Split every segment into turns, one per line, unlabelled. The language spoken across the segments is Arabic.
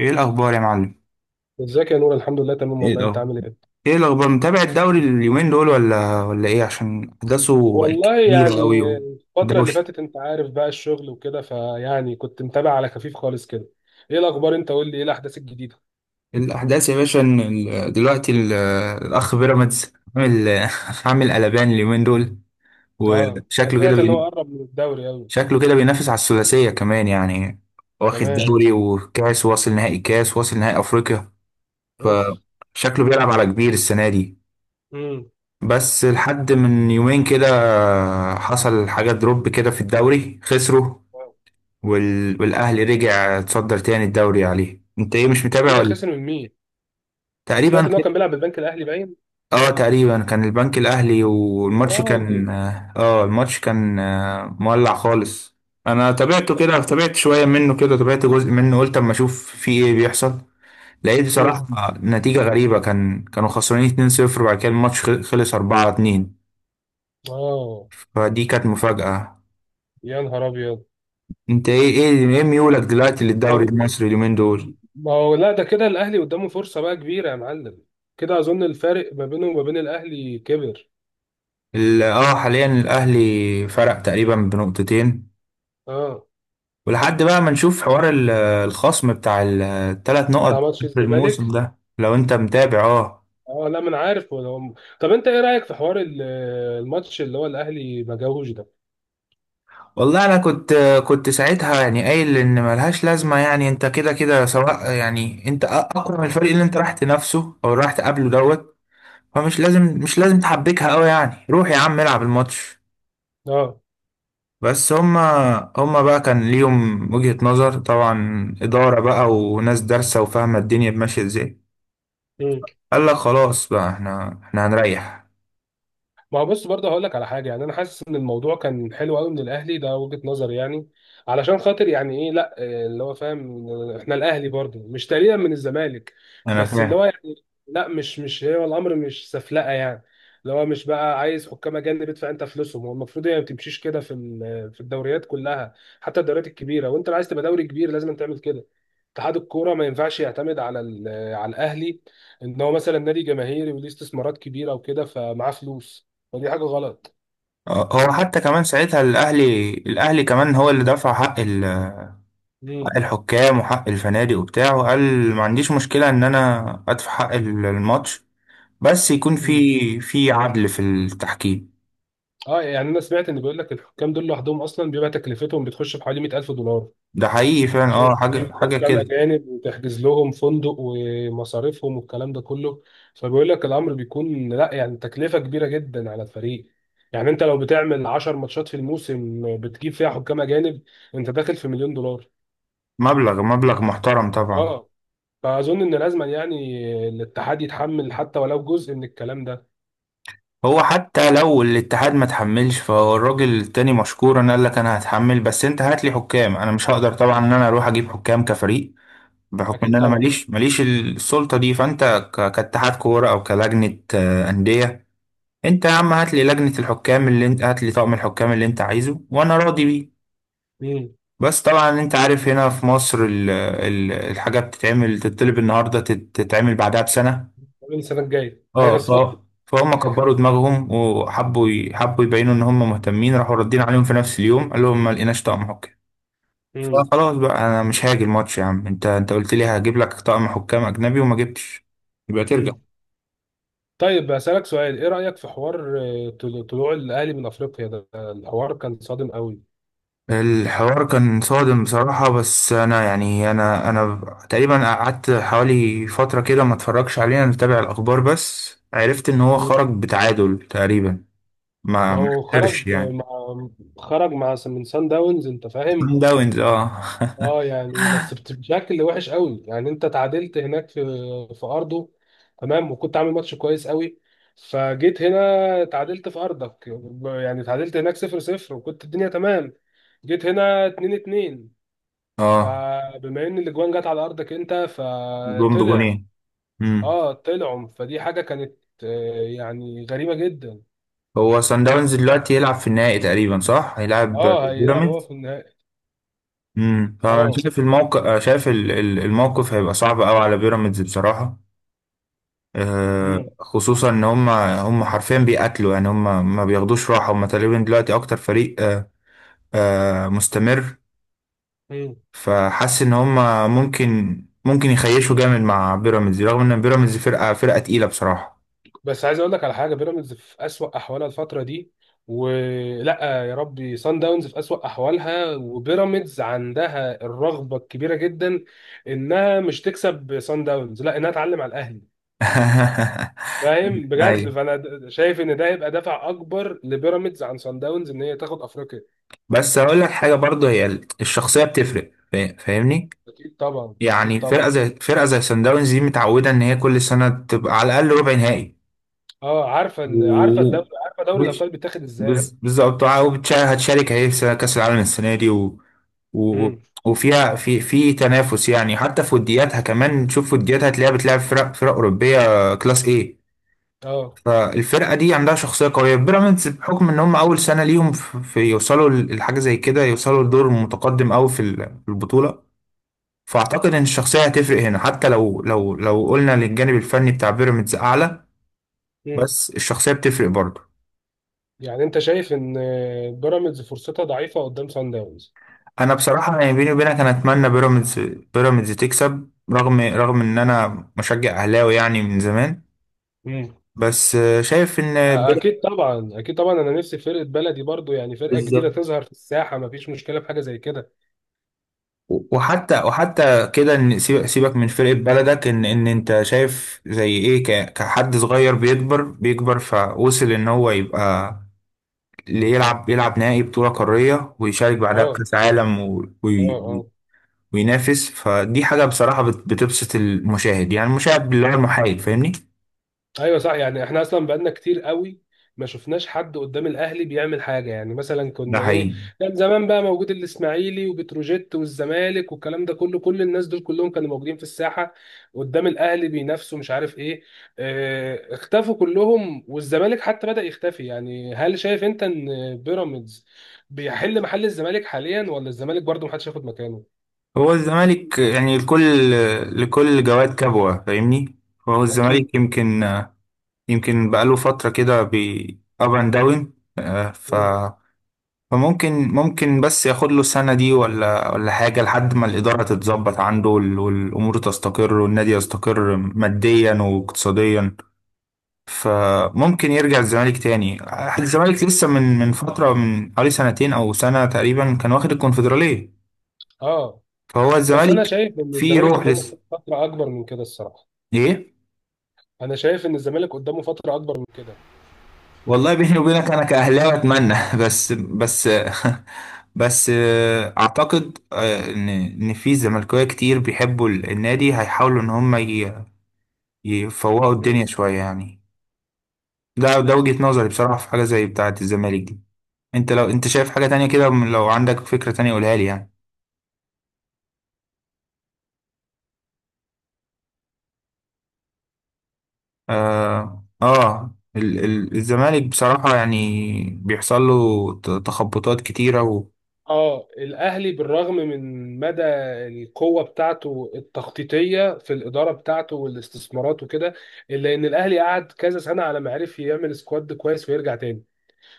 ايه الاخبار يا معلم.
ازيك يا نور؟ الحمد لله تمام
ايه
والله. انت
ده.
عامل ايه؟
ايه الاخبار متابع الدوري اليومين دول ولا ايه عشان احداثه بقت
والله
كتيره قوي
يعني الفترة اللي
ودوشه.
فاتت انت عارف بقى الشغل وكده، فيعني كنت متابع على خفيف خالص كده. ايه الاخبار؟ انت قول لي ايه الاحداث الجديدة؟
الاحداث يا باشا إن الاخ بيراميدز عامل عامل قلبان اليومين دول.
اه، انا
وشكله كده
سمعت ان
بي...
هو قرب من الدوري قوي.
شكله كده بينافس على الثلاثيه كمان يعني، واخد
كمان.
دوري وكاس واصل نهائي كاس واصل نهائي افريقيا،
اوف.
فشكله بيلعب على كبير السنه دي.
امم.
بس لحد من يومين كده حصل حاجة دروب كده في الدوري خسروا، والأهلي رجع اتصدر تاني الدوري عليه. انت ايه، مش
ايه
متابع
ده؟
ولا؟
خسر من مين؟ سمعت
تقريبا.
ان هو كان بيلعب بالبنك الاهلي باين.
اه تقريبا كان البنك الأهلي،
يا
والماتش كان،
راجل.
اه الماتش كان مولع خالص. انا تابعته كده، تابعت شوية منه كده، تابعت جزء منه، قلت اما اشوف في ايه بيحصل. لقيت
امم.
بصراحة نتيجة غريبة، كانوا خسرانين 2-0 وبعد كده الماتش خلص 4-2.
اه.
فدي كانت مفاجأة.
يا نهار ابيض.
انت ايه ايه ميولك دلوقتي
طب.
للدوري المصري اليومين دول؟
ما هو لا، ده كده الاهلي قدامه فرصة بقى كبيرة يا معلم. كده اظن الفارق ما بينه وما بين الاهلي كبر.
اه حاليا الاهلي فرق تقريبا بنقطتين،
اه.
ولحد بقى ما نشوف حوار الخصم بتاع الثلاث نقط
بتاع ماتش
في الموسم
الزمالك.
ده لو انت متابع، اه.
اه، لا، ما انا عارف طب، انت ايه رايك في حوار الماتش اللي هو الاهلي ما جاهوش ده؟
والله انا كنت ساعتها يعني قايل ان ملهاش لازمه، يعني انت كده كده سواء، يعني انت اقوى من الفريق اللي انت راح تنافسه او راح تقابله دوت. فمش لازم مش لازم تحبكها قوي، يعني روح يا عم العب
مم.
الماتش.
اه،
بس هما، هما بقى كان ليهم وجهة نظر طبعا، إدارة بقى وناس دارسة وفاهمة الدنيا ماشية ازاي، قال لك خلاص بقى احنا هنريح.
ما هو بص برضه، هقول لك على حاجه يعني انا حاسس ان الموضوع كان حلو قوي من الاهلي، ده وجهه نظري يعني. علشان خاطر يعني ايه، لا، اللي هو فاهم، احنا الاهلي برضه مش تقريبا من الزمالك.
انا
بس اللي
فاهم.
هو يعني. لا، مش هو الامر، مش سفلقه يعني. اللي هو مش بقى عايز حكام اجانب، ادفع انت فلوسهم، هو المفروض هي ما بتمشيش كده في الدوريات كلها. حتى الدوريات الكبيره، وانت لو عايز تبقى دوري كبير لازم تعمل كده. اتحاد الكوره ما ينفعش يعتمد على الاهلي، ان هو مثلا نادي جماهيري وليه استثمارات كبيره وكده فمعاه فلوس. فدي حاجه غلط.
هو حتى كمان ساعتها الاهلي، كمان هو اللي دفع حق
مم.
حق الحكام وحق الفنادق وبتاع، وقال ما عنديش مشكلة ان انا ادفع حق الماتش، بس يكون
مم.
في في عدل في التحكيم.
اه، يعني انا سمعت ان بيقول لك الحكام دول لوحدهم اصلا بيبقى تكلفتهم بتخش في حوالي 100,000 دولار،
ده حقيقي فعلا،
عشان
اه حاجة
تجيب حكام
كده.
اجانب وتحجز لهم فندق ومصاريفهم والكلام ده كله. فبيقول لك الامر بيكون لا يعني تكلفه كبيره جدا على الفريق. يعني انت لو بتعمل 10 ماتشات في الموسم بتجيب فيها حكام اجانب، انت داخل في مليون دولار.
مبلغ محترم طبعا.
اه. فاظن ان لازم يعني الاتحاد يتحمل حتى ولو جزء من الكلام ده.
هو حتى لو الاتحاد ما تحملش، فهو الراجل التاني مشكورا قال لك انا هتحمل، بس انت هات لي حكام، انا مش هقدر طبعا ان انا اروح اجيب حكام كفريق، بحكم ان
اكيد
انا
طبعا.
ماليش السلطة دي. فانت كاتحاد كورة او كلجنة أندية، انت يا عم هات لي لجنة الحكام اللي انت، هات لي طقم الحكام اللي انت عايزه وانا راضي بيه.
مم.
بس طبعا انت عارف هنا في مصر الحاجة بتتعمل تتطلب النهاردة تتعمل بعدها بسنة.
من السنه الجايه،
اه
ايوه
ف...
صح.
فهم كبروا دماغهم وحبوا حبوا يبينوا ان هم مهتمين، راحوا ردين عليهم في نفس اليوم قال لهم ما لقيناش طقم حكام.
مم.
فخلاص بقى انا مش هاجي الماتش يا عم، انت قلت لي هجيب لك طقم حكام اجنبي وما جبتش، يبقى ترجع.
مم. طيب، أسألك سؤال، إيه رأيك في حوار طلوع الأهلي من أفريقيا؟ ده الحوار كان صادم قوي.
الحوار كان صادم بصراحة، بس أنا يعني أنا تقريبا قعدت حوالي فترة كده ما اتفرجش عليه، أنا متابع الأخبار بس، عرفت إن هو
مم.
خرج بتعادل تقريبا، ما
ما
ما
هو خرج
خسرش يعني.
مع، خرج من سان داونز، أنت
سان
فاهم؟
داونز، اه.
أه، يعني بس بشكل وحش قوي يعني، أنت تعادلت هناك في أرضه. تمام، وكنت عامل ماتش كويس قوي. فجيت هنا تعادلت في أرضك. يعني تعادلت هناك 0-0 وكنت الدنيا تمام. جيت هنا 2-2.
اه.
فبما ان الاجوان جت على ارضك انت
جون
فطلع.
بجونين. امم.
اه طلعوا، فدي حاجه كانت يعني غريبه جدا.
هو سان داونز دلوقتي يلعب في النهائي تقريبا صح؟ هيلعب
اه، هيلعب هو
بيراميدز.
في النهائي.
امم. فانا
اه.
شايف الموقف، شايف الموقف هيبقى صعب قوي على بيراميدز بصراحة.
امم.
خصوصا ان هم حرفيا بيقاتلوا، يعني هم ما بياخدوش راحة، هم تقريبا دلوقتي اكتر فريق مستمر.
امم.
فحاسس ان هم، ممكن يخيشوا جامد مع بيراميدز، رغم ان بيراميدز فرقة تقيلة بصراحة.
بس عايز اقول لك على حاجه، بيراميدز في اسوأ احوالها الفتره دي، ولا يا ربي سان داونز في اسوأ احوالها، وبيراميدز عندها الرغبه الكبيره جدا انها مش تكسب سان داونز، لا انها تعلم على الاهلي. فاهم بجد؟
ايوه.
فانا شايف ان ده هيبقى دافع اكبر لبيراميدز عن سان داونز ان هي تاخد افريقيا.
بس هقول لك حاجه برضه، هي الشخصيه بتفرق، فاهمني.
اكيد طبعا، اكيد
يعني
طبعا.
فرقه زي سان داونز دي متعوده ان هي كل سنه تبقى على الاقل ربع نهائي.
اه، عارفه
و
الدوري، عارفه دوري
وش-
الابطال بيتاخد ازاي.
بالظبط، وهتشارك اهي في كاس العالم السنه دي و...
امم.
وفيها في تنافس يعني، حتى في ودياتها كمان، تشوف ودياتها هتلاقيها بتلعب فرق اوروبيه كلاس A.
اه.
فالفرقة دي عندها شخصية قوية، بيراميدز بحكم ان هم اول سنة ليهم في يوصلوا لحاجة زي كده، يوصلوا لدور متقدم قوي في في البطولة. فاعتقد ان الشخصية هتفرق هنا، حتى لو قلنا للجانب الفني بتاع بيراميدز اعلى،
امم.
بس الشخصية بتفرق برضه.
يعني انت شايف ان بيراميدز فرصتها ضعيفه قدام سان داونز؟
انا بصراحة يعني بيني وبينك انا اتمنى بيراميدز، تكسب رغم ان انا مشجع اهلاوي يعني من زمان.
امم.
بس شايف ان
اكيد طبعا، اكيد طبعا. انا نفسي فرقه بلدي برضو يعني، فرقه جديده
بيراميدز،
تظهر في الساحه، ما فيش مشكله في حاجه زي كده.
وحتى كده ان سيبك من فرقة بلدك، ان انت شايف زي ايه، كحد صغير بيكبر فوصل ان هو يبقى اللي يلعب، يلعب نهائي بطولة قارية، ويشارك بعدها
اه،
بكأس عالم،
اه،
وينافس. فدي حاجة بصراحة بتبسط المشاهد، يعني المشاهد بالله
اه،
المحايد، فاهمني.
ايوه صح. يعني احنا اصلا بقالنا كتير قوي ما شفناش حد قدام الاهلي بيعمل حاجه، يعني مثلا
ده
كنا ايه.
حقيقي.
كان زمان بقى موجود الاسماعيلي وبتروجيت والزمالك والكلام ده كله، كل الناس دول كلهم كانوا موجودين في الساحه قدام الاهلي بينافسوا، مش عارف ايه. اه، اختفوا كلهم، والزمالك حتى بدأ يختفي. يعني هل شايف انت ان بيراميدز بيحل محل الزمالك حاليا، ولا الزمالك برضه محدش ياخد مكانه؟
هو الزمالك يعني لكل، لكل جواد كبوة، فاهمني. هو
اكيد.
الزمالك يمكن، يمكن بقاله فترة كده بي up and down. آه، ف
مم.
فممكن بس ياخد له السنة دي ولا حاجة لحد ما الإدارة تتظبط عنده، والأمور تستقر والنادي يستقر ماديا واقتصاديا، فممكن يرجع الزمالك تاني. الزمالك لسه من فترة من حوالي سنتين أو سنة تقريبا كان واخد الكونفدرالية،
اه،
فهو
بس انا
الزمالك
شايف ان
فيه
الزمالك
روح لسه.
قدامه فتره اكبر من كده الصراحه.
إيه؟
انا شايف ان الزمالك قدامه فتره اكبر من كده.
والله بيني وبينك انا كاهلاوي اتمنى بس بس
اه.
بس اعتقد ان في زملكاويه كتير بيحبوا النادي هيحاولوا ان هم يفوقوا
مم.
الدنيا شويه يعني. ده وجهه نظري بصراحه في حاجه زي بتاعه الزمالك دي. انت لو انت شايف حاجه تانية كده، لو عندك فكره تانية قولها لي يعني. اه, آه ال الزمالك بصراحه يعني بيحصل له تخبطات كتيره، وده
اه، الاهلي بالرغم من مدى القوه بتاعته التخطيطيه في الاداره بتاعته والاستثمارات وكده، الا ان الاهلي قعد كذا سنه على ما عرف يعمل سكواد كويس ويرجع تاني.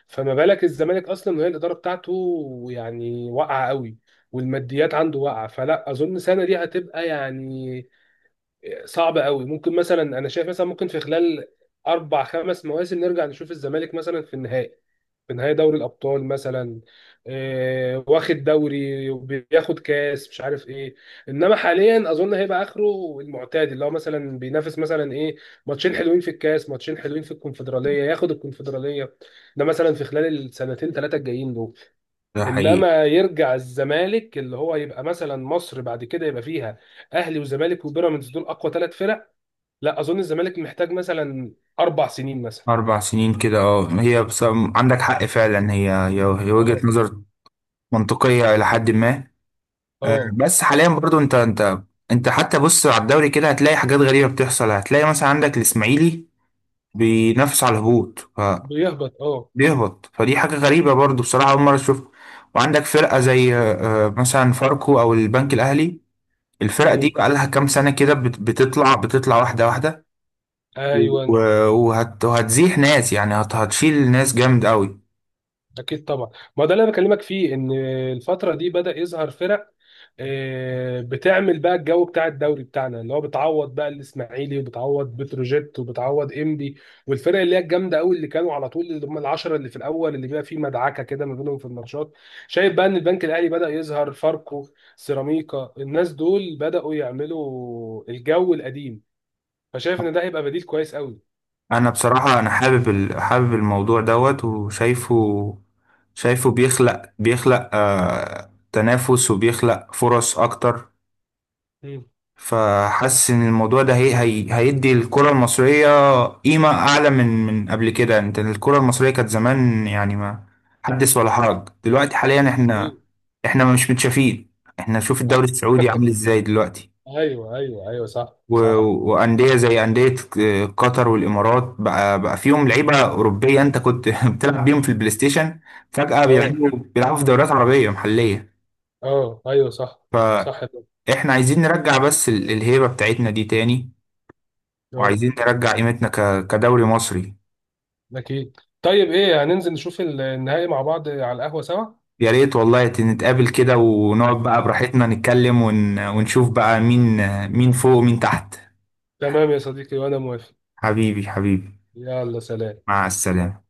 فما بالك الزمالك اصلا، وهي الاداره بتاعته يعني واقعه قوي، والماديات عنده واقعه، فلا اظن السنه دي هتبقى يعني صعبه قوي. ممكن مثلا، انا شايف مثلا، ممكن في خلال اربع خمس مواسم نرجع نشوف الزمالك مثلا في النهائي، في نهائي دوري الابطال مثلا، واخد دوري وبياخد كاس، مش عارف ايه. انما حاليا اظن هيبقى اخره المعتاد، اللي هو مثلا بينافس مثلا ايه، ماتشين حلوين في الكاس، ماتشين حلوين في الكونفدراليه، ياخد الكونفدراليه. ده مثلا في خلال السنتين ثلاثه الجايين دول.
حقيقي.
انما يرجع الزمالك اللي هو يبقى مثلا مصر بعد كده يبقى فيها اهلي وزمالك وبيراميدز، دول اقوى 3 فرق. لا اظن الزمالك محتاج مثلا 4 سنين مثلا.
أربع سنين كده اه، هي بس عندك حق فعلا، هي هي
اه.
وجهة نظر منطقية إلى حد ما.
اه،
بس حاليا برضو أنت حتى بص على الدوري كده هتلاقي حاجات غريبة بتحصل، هتلاقي مثلا عندك الإسماعيلي بينافس على الهبوط،
بيهبط اه،
فبيهبط، فدي حاجة غريبة برضو بصراحة، أول مرة أشوفها. وعندك فرقة زي مثلا فاركو أو البنك الأهلي، الفرقة دي بقالها كام سنة كده بتطلع واحدة واحدة،
ايوه،
و- وهت- وهتزيح ناس يعني، هتشيل ناس جامد قوي.
اكيد طبعا. ما ده اللي انا بكلمك فيه، ان الفتره دي بدا يظهر فرق بتعمل بقى الجو بتاع الدوري بتاعنا، اللي هو بتعوض بقى الاسماعيلي وبتعوض بتروجيت وبتعوض انبي. والفرق اللي هي الجامده قوي، اللي كانوا على طول، اللي هم العشره اللي في الاول، اللي بيبقى فيه مدعكه كده ما بينهم في الماتشات. شايف بقى ان البنك الاهلي بدا يظهر، فاركو، سيراميكا، الناس دول بداوا يعملوا الجو القديم. فشايف ان ده هيبقى بديل كويس قوي.
انا بصراحة انا حابب الموضوع دوت، وشايفه بيخلق بيخلق تنافس وبيخلق فرص اكتر.
مم.
فحاسس ان الموضوع ده هيدي الكرة المصرية قيمة اعلى من قبل كده. انت الكرة المصرية كانت زمان يعني ما حدث ولا حرج. دلوقتي حاليا احنا،
اكيد.
مش متشافين. احنا شوف الدوري السعودي عامل ازاي دلوقتي،
ايوه، ايوه، ايوه، صح، صح.
وانديه زي انديه قطر والامارات بقى فيهم لعيبه اوروبيه، انت كنت بتلعب بيهم في البلاي ستيشن فجاه،
اه،
بيلعبوا في دوريات عربيه محليه.
اه، ايوه، صح، صح ده.
فاحنا عايزين نرجع بس الهيبه بتاعتنا دي تاني،
اه،
وعايزين نرجع قيمتنا كدوري مصري.
اكيد. طيب، ايه، هننزل نشوف النهائي مع بعض على القهوة سوا؟
يا ريت والله، نتقابل كده ونقعد بقى براحتنا نتكلم ونشوف بقى مين، مين فوق ومين تحت.
تمام يا صديقي، وانا موافق.
حبيبي.
يلا، سلام.
مع السلامه.